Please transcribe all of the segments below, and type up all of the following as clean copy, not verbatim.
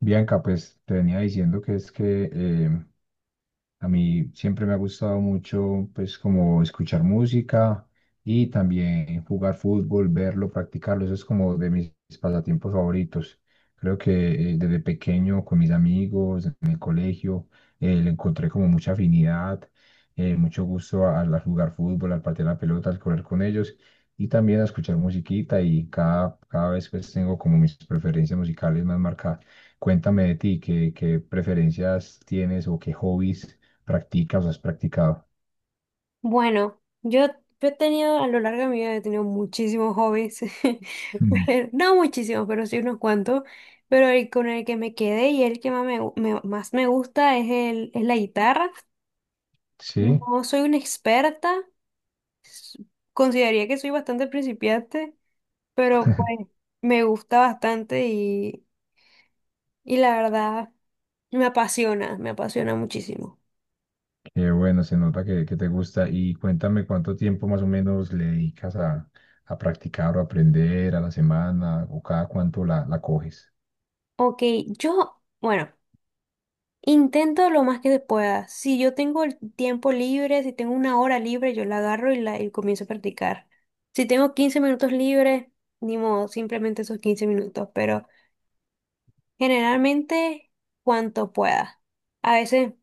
Bianca, pues te venía diciendo que es que a mí siempre me ha gustado mucho, pues como escuchar música y también jugar fútbol, verlo, practicarlo. Eso es como de mis pasatiempos favoritos. Creo que desde pequeño con mis amigos en el colegio le encontré como mucha afinidad, mucho gusto al jugar fútbol, al patear la pelota, al correr con ellos y también a escuchar musiquita y cada vez pues tengo como mis preferencias musicales más marcadas. Cuéntame de ti, ¿qué preferencias tienes o qué hobbies practicas o has practicado? Bueno, yo he tenido, a lo largo de mi vida, he tenido muchísimos hobbies. Ujú. No muchísimos, pero sí unos cuantos. Pero el con el que me quedé y el que más me gusta es la guitarra. Sí, No soy una experta, consideraría que soy bastante principiante, pero pues me gusta bastante y la verdad me apasiona muchísimo. qué bueno, se nota que te gusta. Y cuéntame cuánto tiempo más o menos le dedicas a practicar o aprender a la semana o cada cuánto la coges. Ok, yo, bueno. Intento lo más que se pueda. Si yo tengo el tiempo libre, si tengo una hora libre, yo la agarro y comienzo a practicar. Si tengo 15 minutos libres, ni modo, simplemente esos 15 minutos, pero generalmente cuanto pueda. A veces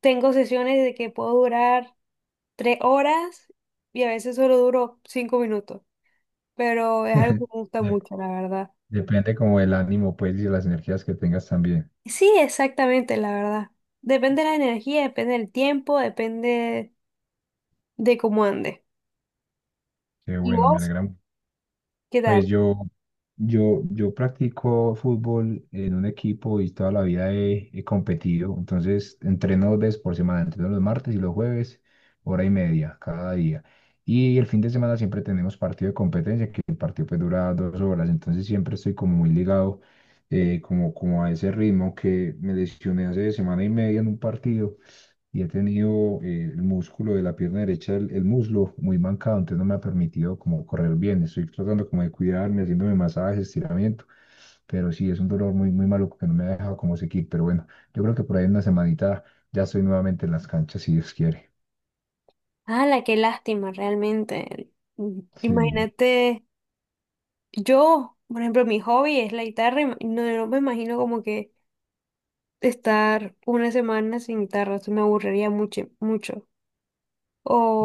tengo sesiones de que puedo durar 3 horas y a veces solo duro 5 minutos, pero es algo que me gusta De- mucho, la verdad. depende como del ánimo, pues, y de las energías que tengas también. Sí, exactamente, la verdad. Depende de la energía, depende del tiempo, depende de cómo ande. Qué ¿Y bueno, me vos? alegra mucho. ¿Qué Pues tal? Yo practico fútbol en un equipo y toda la vida he competido. Entonces, entreno dos veces por semana, entreno los martes y los jueves, hora y media cada día. Y el fin de semana siempre tenemos partido de competencia, que el partido pues dura dos horas. Entonces, siempre estoy como muy ligado, como a ese ritmo que me lesioné hace semana y media en un partido y he tenido el músculo de la pierna derecha, el muslo muy mancado, entonces no me ha permitido como correr bien. Estoy tratando como de cuidarme, haciéndome masajes, estiramiento, pero sí, es un dolor muy malo que no me ha dejado como seguir. Pero bueno, yo creo que por ahí en una semanita ya estoy nuevamente en las canchas, si Dios quiere. La ¡Qué lástima, realmente! Sí, Imagínate, yo, por ejemplo, mi hobby es la guitarra y no, no me imagino como que estar una semana sin guitarra, eso me aburriría mucho, mucho.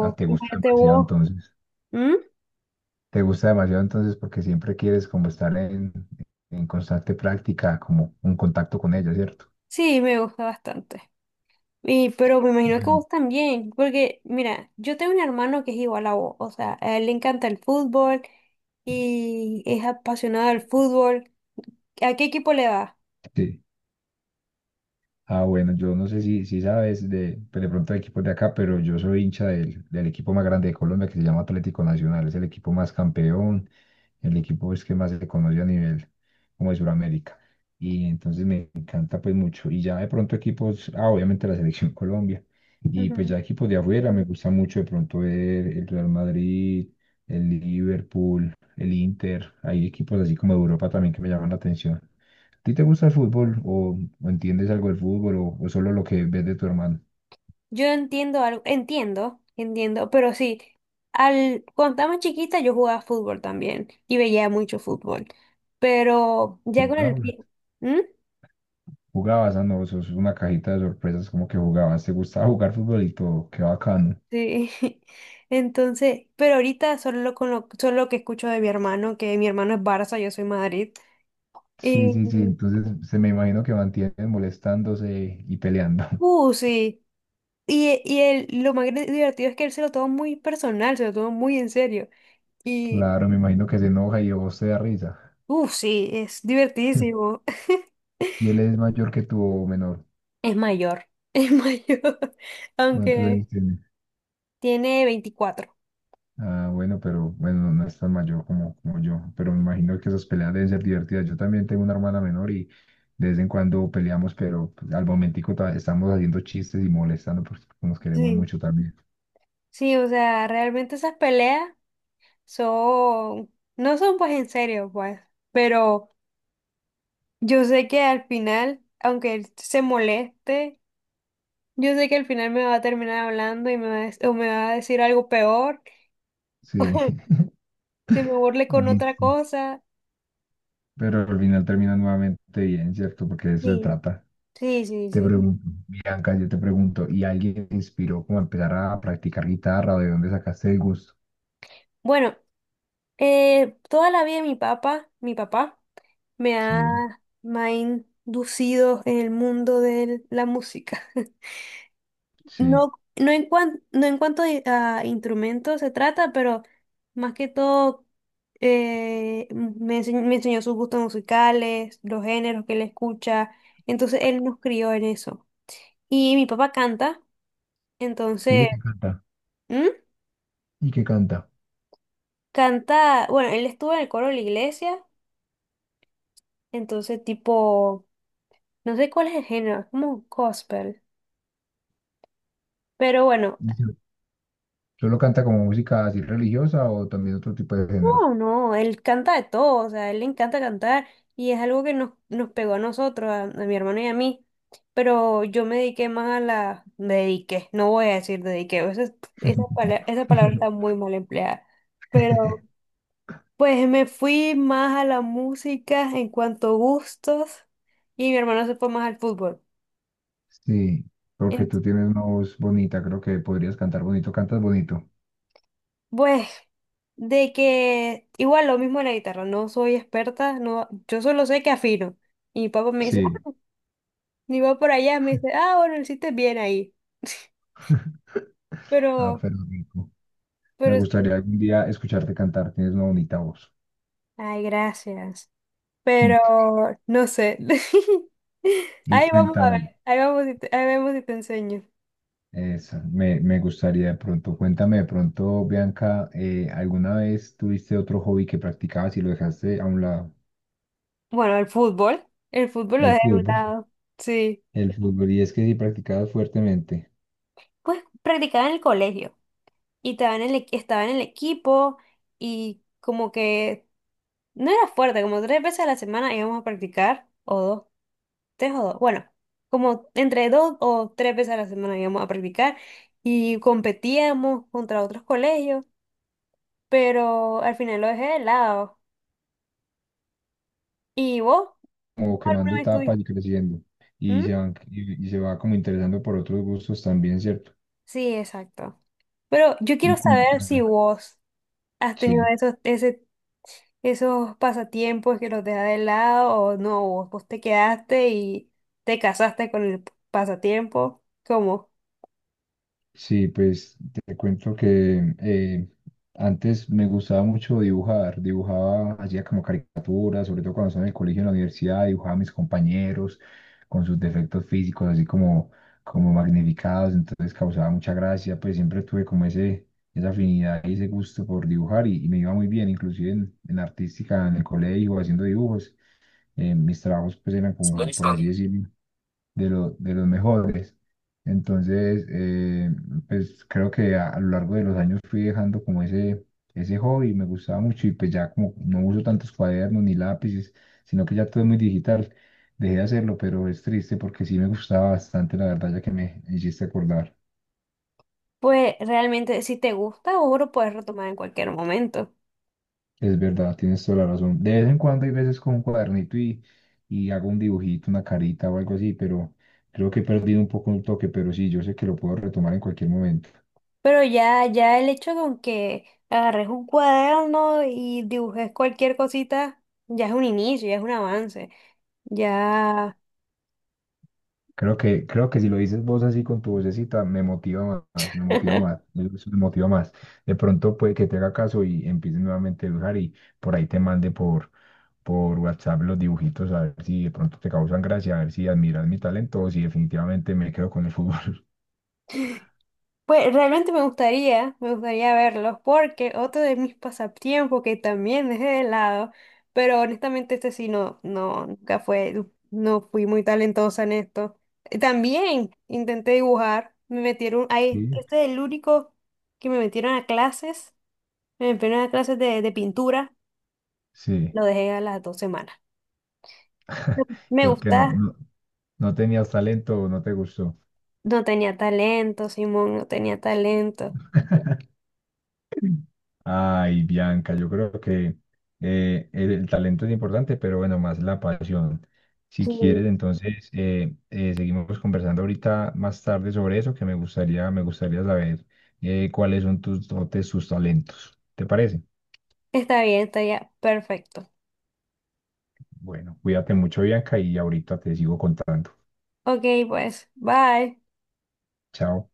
ah, te gusta imagínate demasiado vos. entonces. ¿Mm? Te gusta demasiado entonces porque siempre quieres como estar en constante práctica, como un contacto con ella, ¿cierto? Sí, me gusta bastante. Y, pero me imagino que Bueno, vos también, porque mira, yo tengo un hermano que es igual a vos, o sea, a él le encanta el fútbol y es apasionado del fútbol. ¿A qué equipo le vas? sí. Ah, bueno, yo no sé si sabes de, pues de pronto de equipos de acá, pero yo soy hincha del equipo más grande de Colombia que se llama Atlético Nacional. Es el equipo más campeón, el equipo es que más se conoce a nivel como de Sudamérica. Y entonces me encanta pues mucho. Y ya de pronto equipos, ah, obviamente la selección Colombia. Y pues Ujú. ya equipos de afuera, me gusta mucho de pronto ver el Real Madrid, el Liverpool, el Inter. Hay equipos así como de Europa también que me llaman la atención. ¿A ti te gusta el fútbol o entiendes algo del fútbol o solo lo que ves de tu hermano? Yo entiendo algo, entiendo, entiendo, pero sí, cuando estaba más chiquita yo jugaba fútbol también y veía mucho fútbol, pero ya con el ¿Jugabas? tiempo... ¿Jugabas? Ah, no, sos una cajita de sorpresas como que jugabas. ¿Te gustaba jugar fútbol y todo? Qué bacano. Sí. Entonces, pero ahorita solo con lo que escucho de mi hermano, que mi hermano es Barça, yo soy Madrid, Sí, y, sí, sí. Entonces se me imagino que mantienen molestándose y peleando. Sí, y él, lo más divertido es que él se lo toma muy personal, se lo toma muy en serio, y, Claro, me imagino que se enoja y a vos te da risa. Sí, es divertidísimo. ¿Y él es mayor que tú o menor? Es mayor, es mayor, ¿Cuántos aunque años tiene? tiene 24. Ah, bueno, pero bueno, no es tan mayor como yo, pero me imagino que esas peleas deben ser divertidas. Yo también tengo una hermana menor y de vez en cuando peleamos, pero pues, al momentico estamos haciendo chistes y molestando porque nos queremos Sí, mucho también. sí, o sea, realmente esas peleas son, no son pues en serio, pues, pero yo sé que al final, aunque él se moleste, yo sé que al final me va a terminar hablando y me va a, dec- o me va a decir algo peor, Sí, se me burle con oye, otra sí. cosa. Pero al final termina nuevamente bien, ¿cierto? Porque de eso se Sí, trata. sí, sí, Te sí. pregunto, Bianca, yo te pregunto, ¿y alguien te inspiró como a empezar a practicar guitarra o de dónde sacaste el gusto? Bueno, toda la vida mi papá me ha, Sí, me ha inducido en el mundo de la música. sí. No, no en cuanto a instrumentos se trata, pero más que todo me me enseñó sus gustos musicales, los géneros que él escucha. Entonces él nos crió en eso. Y mi papá canta, entonces... Sí, que canta. ¿Mm? ¿Y que canta? Canta, bueno, él estuvo en el coro de la iglesia, entonces tipo, no sé cuál es el género, es como gospel. Pero bueno... ¿Solo canta como música así religiosa o también otro tipo de géneros? No, no, él canta de todo, o sea, a él le encanta cantar y es algo que nos pegó a nosotros, a mi hermano y a mí, pero yo me dediqué más a me dediqué, no voy a decir dediqué, esa palabra está muy mal empleada, pero pues me fui más a la música en cuanto a gustos y mi hermano se fue más al fútbol. Sí, porque tú Ent- tienes una voz bonita, creo que podrías cantar bonito, cantas bonito. pues de que igual lo mismo en la guitarra, no soy experta, no, yo solo sé que afino. Y mi papá me dice, Sí. ni va por allá, me dice, ah, bueno, lo hiciste bien ahí. Ah, Pero, pero rico. Me pero sí. gustaría algún día escucharte cantar, tienes una bonita voz. Ay, gracias. Pero Mm. no sé. Y Ahí vamos a ver. cuéntame, Ahí vamos y ahí vemos si te enseño. eso, me gustaría de pronto, cuéntame de pronto, Bianca, ¿alguna vez tuviste otro hobby que practicabas y lo dejaste a un lado? Bueno, el fútbol. El fútbol lo El dejé de un fútbol. lado. Sí. El fútbol, y es que sí practicabas fuertemente. Pues practicaba en el colegio. Y estaba en el estaba en el equipo. Y como que no era fuerte, como 3 veces a la semana íbamos a practicar. O dos, tres o dos, bueno, como entre 2 o 3 veces a la semana íbamos a practicar y competíamos contra otros colegios, pero al final lo dejé de lado. ¿Y vos? ¿Vos Como quemando alguna vez etapas tuviste? y creciendo. Y ¿Mm? se van, y se va como interesando por otros gustos también, ¿cierto? Sí, exacto. Pero yo Y quiero saber si cuéntame, vos has tenido sí. esos, pasatiempos que los dejas de lado o no, vos te quedaste y te casaste con el pasatiempo. ¿Cómo? Sí, pues te cuento que antes me gustaba mucho dibujar, dibujaba, hacía como caricaturas, sobre todo cuando estaba en el colegio, en la universidad, dibujaba a mis compañeros con sus defectos físicos, así como, como magnificados, entonces causaba mucha gracia, pues siempre tuve como esa afinidad y ese gusto por dibujar y me iba muy bien, inclusive en artística, en el colegio, haciendo dibujos mis trabajos pues eran como, por así decirlo, de los mejores. Entonces, pues creo que a lo largo de los años fui dejando como ese hobby, me gustaba mucho y pues ya como no uso tantos cuadernos ni lápices, sino que ya todo es muy digital, dejé de hacerlo, pero es triste porque sí me gustaba bastante, la verdad, ya que me hiciste acordar. Pues realmente si te gusta, vos lo puedes retomar en cualquier momento. Es verdad, tienes toda la razón. De vez en cuando hay veces con un cuadernito y hago un dibujito, una carita o algo así, pero creo que he perdido un poco un toque, pero sí, yo sé que lo puedo retomar en cualquier momento. Pero ya el hecho con que agarres un cuaderno y dibujes cualquier cosita, ya es un inicio, ya es un avance. Ya. Creo que si lo dices vos así con tu vocecita, eso me motiva más. De pronto puede que te haga caso y empieces nuevamente a dibujar y por ahí te mande por WhatsApp los dibujitos a ver si de pronto te causan gracia, a ver si admiras mi talento o si definitivamente me quedo con el fútbol. Pues realmente me gustaría verlos, porque otro de mis pasatiempos que también dejé de lado, pero honestamente este sí no, no, nunca fue, no fui muy talentosa en esto. También intenté dibujar, me metieron, ahí, Sí. este es el único que me metieron a clases, me metieron a clases de pintura. Sí. Lo dejé a las 2 semanas. Me Porque gusta, no tenías talento o no te gustó. no tenía talento, Simón, no tenía talento. Ay, Bianca, yo creo que el talento es importante, pero bueno, más la pasión. Si Sí. quieres, entonces seguimos conversando ahorita más tarde sobre eso, que me gustaría saber cuáles son tus dotes, tus talentos. ¿Te parece? Está bien, está ya perfecto. Bueno, cuídate mucho, Bianca, y ahorita te sigo contando. Ok, pues, bye. Chao.